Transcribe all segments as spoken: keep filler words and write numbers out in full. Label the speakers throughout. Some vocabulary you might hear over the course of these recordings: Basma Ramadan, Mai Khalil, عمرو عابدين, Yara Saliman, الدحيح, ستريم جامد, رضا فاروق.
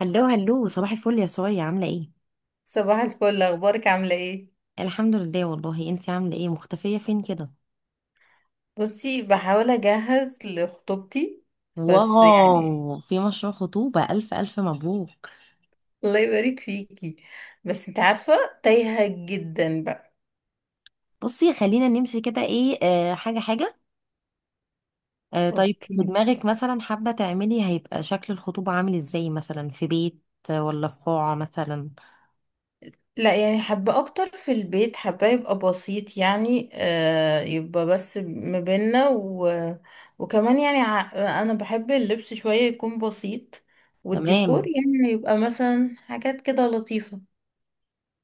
Speaker 1: هلو هلو، صباح الفل يا سوريا، عاملة ايه؟
Speaker 2: صباح الفل، اخبارك؟ عامله ايه؟
Speaker 1: الحمد لله والله. انتي عاملة ايه مختفية فين كده؟
Speaker 2: بصي، بحاول اجهز لخطوبتي. بس يعني.
Speaker 1: واو، في مشروع خطوبة! ألف ألف مبروك.
Speaker 2: الله يبارك فيكي. بس انت عارفه، تايهه جدا بقى.
Speaker 1: بصي خلينا نمشي كده، ايه آه حاجة حاجة. آه طيب في
Speaker 2: اوكي.
Speaker 1: دماغك مثلا حابة تعملي، هيبقى شكل الخطوبة عامل ازاي؟ مثلا في بيت آه، ولا في قاعة مثلا؟
Speaker 2: لا يعني حابه اكتر في البيت، حابه يبقى بسيط يعني. آه يبقى بس ما بينا و... وكمان يعني ع... انا بحب اللبس شويه يكون بسيط، والديكور
Speaker 1: تمام،
Speaker 2: يعني يبقى مثلا حاجات كده لطيفه.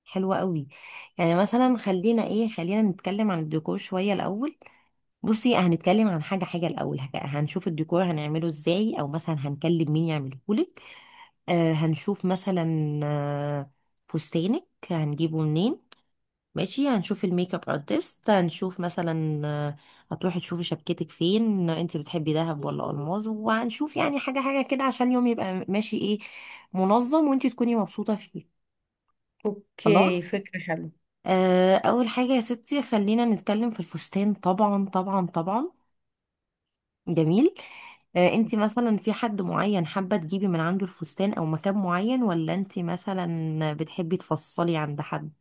Speaker 1: حلوة قوي. يعني مثلا خلينا ايه، خلينا نتكلم عن الديكور شوية الأول. بصي هنتكلم عن حاجة حاجة الأول، هك- هنشوف الديكور هنعمله ازاي، أو مثلا هنكلم مين يعمله. آه هنشوف مثلا، آه فستانك هنجيبه منين. ماشي، هنشوف الميك اب ارتست، هنشوف مثلا، آه هتروحي تشوفي شبكتك فين، انت بتحبي دهب ولا الماظ. وهنشوف يعني حاجه حاجه كده عشان اليوم يبقى ماشي، ايه، منظم، وانت تكوني مبسوطه فيه. خلاص،
Speaker 2: اوكي فكره حلوه.
Speaker 1: آه اول حاجه يا ستي خلينا نتكلم في الفستان. طبعا طبعا طبعا، جميل. آه، انت مثلا في حد معين حابة تجيبي من عنده الفستان او مكان معين، ولا انت مثلا بتحبي تفصلي عند حد؟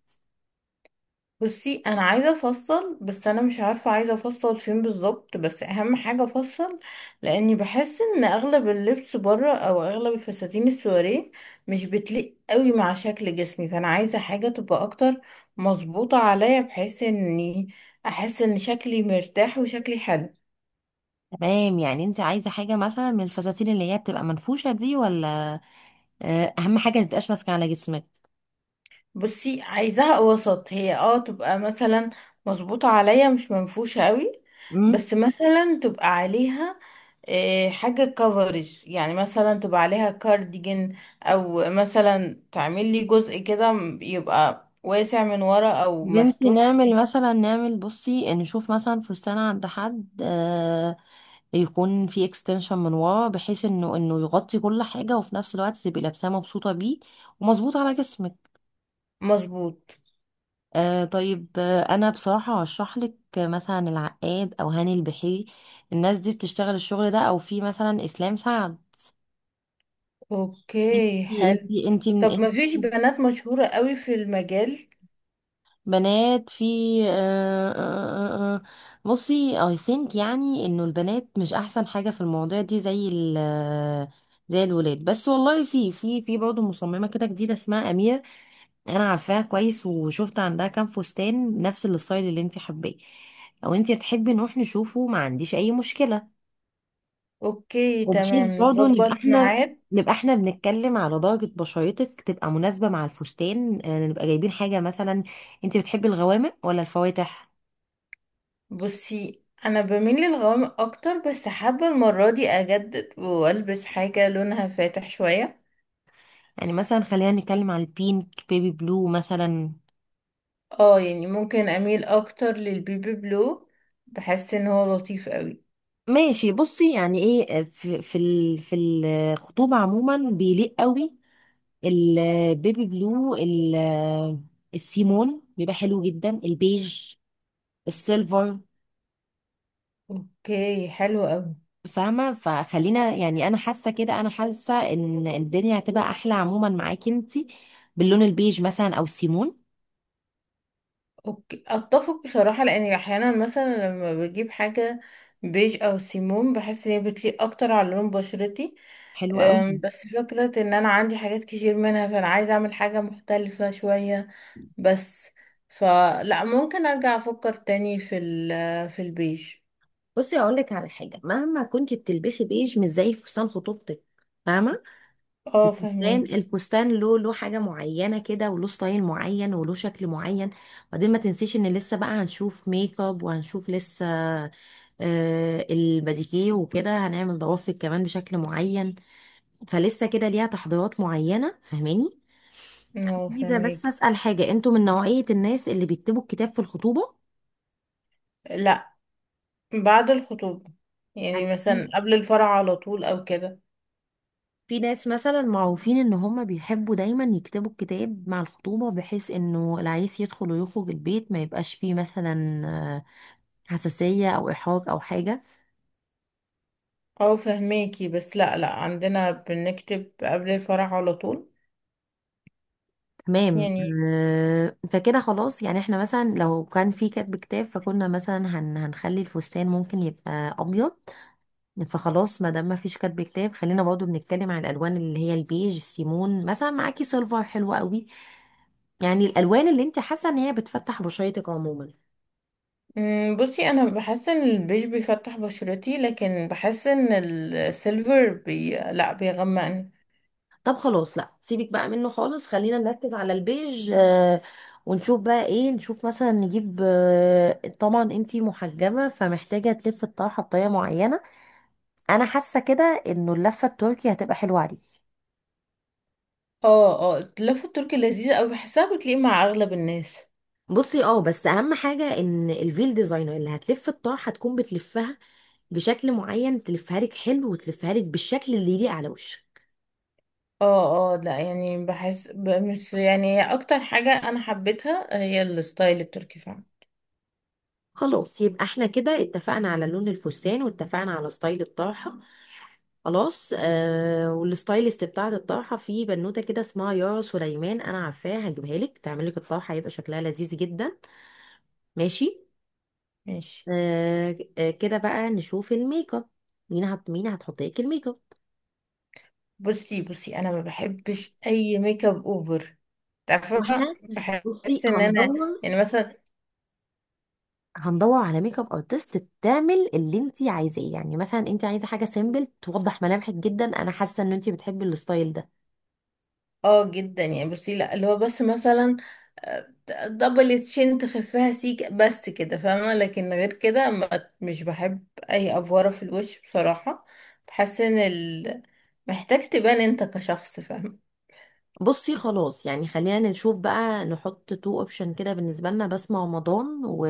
Speaker 2: بصي، انا عايزه افصل، بس انا مش عارفه عايزه افصل فين بالظبط، بس اهم حاجه افصل، لاني بحس ان اغلب اللبس بره او اغلب الفساتين السواريه مش بتليق قوي مع شكل جسمي. فانا عايزه حاجه تبقى اكتر مظبوطه عليا، بحيث اني احس ان شكلي مرتاح وشكلي حلو.
Speaker 1: تمام، يعني انت عايزة حاجة مثلا من الفساتين اللي هي بتبقى منفوشة دي ولا؟ آه، اهم حاجة ما تبقاش ماسكة على جسمك.
Speaker 2: بصي، عايزاها وسط، هي اه تبقى مثلا مظبوطة عليا، مش منفوشة قوي.
Speaker 1: امم
Speaker 2: بس مثلا تبقى عليها آه، حاجة كفرج، يعني مثلا تبقى عليها كارديجن، او مثلا تعمل لي جزء كده م- يبقى واسع من ورا او
Speaker 1: بنتي
Speaker 2: مفتوح.
Speaker 1: نعمل مثلا، نعمل، بصي نشوف مثلا فستان عند حد آه يكون في اكستنشن من ورا، بحيث انه انه يغطي كل حاجة، وفي نفس الوقت تبقي لابساه مبسوطة بيه ومظبوط على جسمك.
Speaker 2: مظبوط.
Speaker 1: آه طيب، آه، انا بصراحه هشرح لك مثلا العقاد او هاني البحيري، الناس دي بتشتغل الشغل ده، او في مثلا اسلام سعد.
Speaker 2: اوكي
Speaker 1: انتي
Speaker 2: حلو.
Speaker 1: انتي انتي من
Speaker 2: طب
Speaker 1: انتي؟
Speaker 2: مفيش بنات مشهورة قوي في المجال؟
Speaker 1: بنات في. آه آه آه آه. بصي I think يعني انه البنات مش احسن حاجه في المواضيع دي زي ال، آه، زي الولاد. بس والله في في في برضه مصممه كده جديده اسمها اميره، انا عارفاها كويس، وشفت عندها كام فستان نفس الستايل اللي انت حباه. لو انت تحبي نروح نشوفه ما عنديش اي مشكلة.
Speaker 2: اوكي
Speaker 1: وبحيث
Speaker 2: تمام،
Speaker 1: برضه نبقى
Speaker 2: نظبط
Speaker 1: احنا
Speaker 2: ميعاد.
Speaker 1: نبقى احنا بنتكلم على درجة بشرتك تبقى مناسبة مع الفستان. آه، نبقى جايبين حاجة مثلا، انت بتحبي الغوامق ولا الفواتح؟
Speaker 2: بصي، انا بميل للغوامق اكتر، بس حابه المره دي اجدد والبس حاجه لونها فاتح شويه.
Speaker 1: يعني مثلا خلينا نتكلم على البينك، بيبي بلو مثلا.
Speaker 2: اه يعني ممكن اميل اكتر للبيبي بلو، بحس ان هو لطيف قوي.
Speaker 1: ماشي، بصي يعني ايه، آه، في في ال- في الخطوبة عموما بيليق قوي البيبي بلو، ال- السيمون بيبقى حلو جدا، البيج، السيلفر.
Speaker 2: اوكي حلو قوي.
Speaker 1: فاهمة؟ فخلينا يعني، أنا حاسة كده، أنا حاسة إن الدنيا هتبقى أحلى عموما معاكي انتي باللون البيج مثلا أو السيمون.
Speaker 2: اوكي اتفق بصراحه، لاني احيانا مثلا لما بجيب حاجه بيج او سيمون بحس ان هي بتليق اكتر على لون بشرتي.
Speaker 1: حلو أوي.
Speaker 2: أم، بس فكره ان انا عندي حاجات كتير منها، فانا عايزه اعمل حاجه مختلفه شويه بس. فلا ممكن ارجع افكر تاني في ال في البيج.
Speaker 1: بصي أقول لك على حاجة، مهما كنتي بتلبسي بيج مش زي فستان خطوبتك، فاهمة؟
Speaker 2: اه
Speaker 1: الفستان
Speaker 2: فهميكي.
Speaker 1: الفستان له له حاجة معينة كده، وله ستايل معين، وله شكل معين. وبعدين ما تنسيش ان لسه بقى هنشوف ميك اب، وهنشوف لسه، آه، الباديكيه وكده، هنعمل ضوافر كمان بشكل معين. فلسه كده ليها تحضيرات معينة، فاهماني؟
Speaker 2: اه
Speaker 1: عايزة بس
Speaker 2: فهميكي.
Speaker 1: أسأل حاجة، انتوا من نوعية الناس اللي بيكتبوا الكتاب في الخطوبة؟
Speaker 2: لا، بعد الخطوبة. يعني
Speaker 1: يعني
Speaker 2: مثلا قبل الفرح على طول او كده.
Speaker 1: في ناس مثلا معروفين ان هم بيحبوا دايما يكتبوا الكتاب مع الخطوبة، بحيث انه العريس يدخل ويخرج البيت ما يبقاش فيه مثلا آه، حساسية او احراج او حاجة.
Speaker 2: اه فهميكي، بس لا، لا عندنا بنكتب قبل الفرح على طول
Speaker 1: تمام.
Speaker 2: يعني.
Speaker 1: آه، فكده خلاص، يعني احنا مثلا لو كان في كاتب كتاب فكنا مثلا هن هنخلي الفستان ممكن يبقى ابيض. فخلاص ما دام ما فيش كاتب كتاب، خلينا برضو بنتكلم عن الالوان اللي هي البيج، السيمون مثلا، معاكي سيلفر حلو قوي. يعني الالوان اللي انت حاسه ان هي بتفتح بشرتك عموما.
Speaker 2: مم، بصي، انا بحس ان البيج بيفتح بشرتي، لكن بحس ان السيلفر بي لا بيغمقني.
Speaker 1: طب خلاص، لا، سيبك بقى منه خالص، خلينا نركز على البيج. آه، ونشوف بقى ايه، نشوف مثلا نجيب، آه، طبعا انتي محجبه فمحتاجه تلف الطرحه بطريقه معينه. انا حاسه كده انه اللفه التركي هتبقى حلوه عليكي.
Speaker 2: اه اه، اللفة التركي لذيذة اوي، بحسها بتليق مع اغلب الناس.
Speaker 1: بصي اه، بس اهم حاجه ان الفيل ديزاينر اللي هتلف الطرحه هتكون بتلفها بشكل معين، تلفها لك حلو، وتلفها لك بالشكل اللي يليق على وشك.
Speaker 2: اه اه، لا يعني بحس ب- مش يعني هي اكتر حاجة انا حبيتها، هي الستايل التركي فعلا.
Speaker 1: خلاص، يبقى احنا كده اتفقنا على لون الفستان، واتفقنا على ستايل الطرحه. خلاص. آه والستايلست بتاعه الطرحه في بنوته كده اسمها يارا سليمان، انا عارفاها، هجيبها لك تعمل لك الطرحه، هيبقى شكلها لذيذ جدا. ماشي.
Speaker 2: ماشي.
Speaker 1: آه آه، كده بقى نشوف الميك اب، مين هت مين هتحط لك الميك اب.
Speaker 2: بصي بصي، انا ما بحبش اي ميك اب اوفر، تعرفة.
Speaker 1: واحنا بصي
Speaker 2: بحس ان انا
Speaker 1: هندور،
Speaker 2: يعني مثلا،
Speaker 1: هندور على ميك اب ارتست تعمل اللي انت عايزاه. يعني مثلا انت عايزه حاجه سيمبل، توضح ملامحك جدا، انا حاسه ان انت بتحبي الستايل ده.
Speaker 2: اه جدا يعني. بصي، لا، اللي هو بس مثلا آه، دبل تشين تخفيها سيك بس كده، فاهمة؟ لكن غير كده ما- مش بحب اي افورة في الوش بصراحة. بحس ان ال... محتاج تبان انت كشخص، فاهمة.
Speaker 1: بصي خلاص، يعني خلينا نشوف بقى، نحط تو اوبشن كده بالنسبه لنا، بسمة رمضان و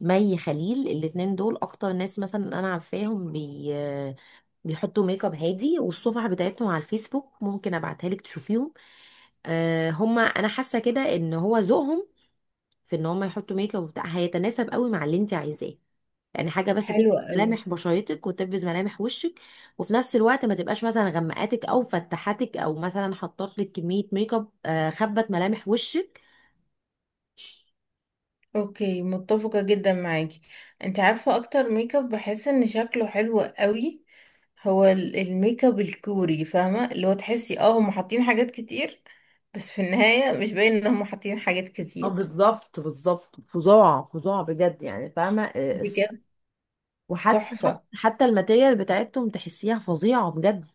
Speaker 1: مي خليل. الاتنين دول اكتر ناس مثلا انا عارفاهم بي بيحطوا ميك اب هادي، والصفح بتاعتهم على الفيسبوك ممكن ابعتها لك تشوفيهم. آه هما انا حاسه كده ان هو ذوقهم في ان هما يحطوا ميك اب وبتاع هيتناسب قوي مع اللي انت عايزاه. يعني حاجه بس
Speaker 2: حلو
Speaker 1: تبقى
Speaker 2: قوي.
Speaker 1: ملامح بشرتك، وتبرز ملامح وشك، وفي نفس الوقت ما تبقاش مثلا غمقاتك او فتحتك، او مثلا حطت لك كميه ميك اب آه خبت ملامح وشك.
Speaker 2: اوكي متفقة جدا معاكي. انت عارفة اكتر ميك اب بحس ان شكله حلو قوي؟ هو ال- الميك اب الكوري، فاهمة؟ اللي هو تحسي اه هم حاطين حاجات كتير، بس في النهاية مش باين ان هم حاطين حاجات
Speaker 1: اه
Speaker 2: كتير.
Speaker 1: بالظبط، بالظبط، فظاع فظاع بجد، يعني فاهمة، آه، الس-
Speaker 2: بجد.
Speaker 1: وحتى حتى
Speaker 2: تحفة.
Speaker 1: حتى الماتيريال بتاعتهم تحسيها فظيعة بجد.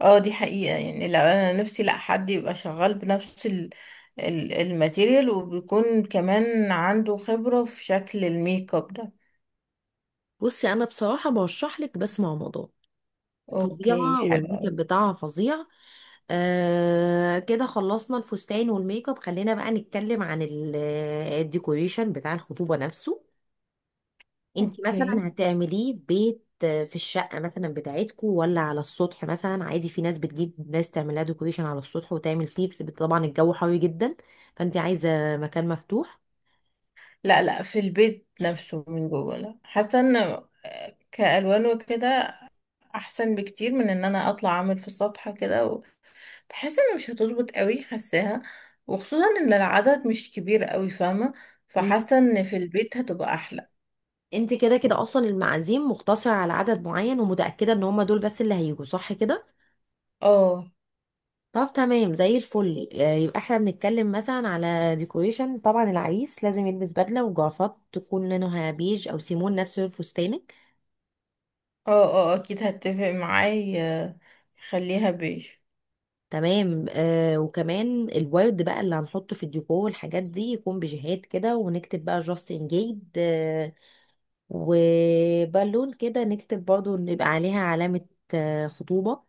Speaker 2: اه دي حقيقة يعني. لا انا نفسي لا حد يبقى شغال بنفس ال ال- الماتيريال، وبيكون كمان عنده خبرة في شكل الميك اب ده.
Speaker 1: بصي انا بصراحه برشح لك بسمة رمضان،
Speaker 2: اوكي
Speaker 1: فظيعه،
Speaker 2: حلو
Speaker 1: والميك
Speaker 2: أوي.
Speaker 1: اب بتاعها فظيع. آه كده خلصنا الفستان والميك اب، خلينا بقى نتكلم عن ال- الديكوريشن بتاع الخطوبه نفسه. انت
Speaker 2: اوكي.
Speaker 1: مثلا هتعمليه في بيت، آه، في الشقه مثلا بتاعتكو، ولا على السطح؟ مثلا عادي في ناس بتجيب ناس تعملها ديكوريشن على السطح وتعمل فيه، بس طبعا الجو حر جدا، فانت عايزه مكان مفتوح.
Speaker 2: لا لا، في البيت نفسه من جوه. لا، حاسه ان كالوان وكده احسن بكتير من ان انا اطلع اعمل في السطح كده، و- بحس ان مش هتظبط قوي حاساها، وخصوصا ان العدد مش كبير قوي، فاهمه. فحاسه ان في البيت هتبقى احلى.
Speaker 1: انت كده كده اصلا المعازيم مقتصرة على عدد معين، ومتأكدة ان هما دول بس اللي هيجوا، صح كده؟
Speaker 2: اه.
Speaker 1: طب تمام زي الفل. آه، يبقى احنا بنتكلم مثلا على ديكوريشن. طبعا العريس لازم يلبس بدلة وجرافات تكون لونها بيج او سيمون، نفس لون فستانك.
Speaker 2: اه اه اكيد هتفق معايا، خليها بيج.
Speaker 1: تمام. آه وكمان الورد بقى اللي هنحطه في الديكور والحاجات دي يكون بجهات كده، ونكتب بقى جاست انجيجد. آه وبالون كده نكتب برضو إن يبقى عليها علامة، آه، خطوبة.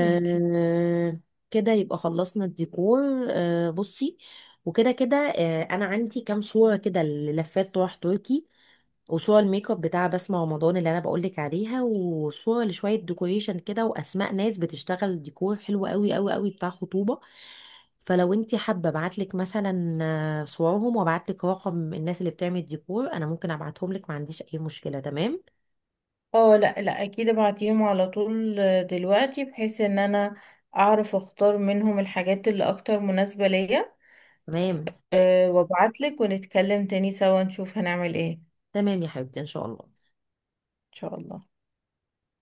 Speaker 2: اوكي.
Speaker 1: كده يبقى خلصنا الديكور. آه بصي وكده كده آه انا عندي كام صورة كده للفات طرح تركي، وصورة الميك اب بتاع بسمة رمضان اللي انا بقولك عليها، وصورة لشوية ديكوريشن كده، واسماء ناس بتشتغل ديكور حلو قوي قوي قوي بتاع خطوبة. فلو انتي حابة ابعتلك مثلا آه، صورهم، وابعتلك رقم الناس اللي بتعمل ديكور، انا ممكن ابعتهم لك ما عنديش اي مشكلة. تمام.
Speaker 2: اه، لا لا، اكيد ابعتيهم على طول دلوقتي، بحيث ان انا اعرف اختار منهم الحاجات اللي اكتر مناسبه ليا.
Speaker 1: تمام
Speaker 2: أه وابعتلك ونتكلم تاني سوا، نشوف هنعمل ايه ان
Speaker 1: تمام يا حبيبتي، ان شاء الله.
Speaker 2: شاء الله.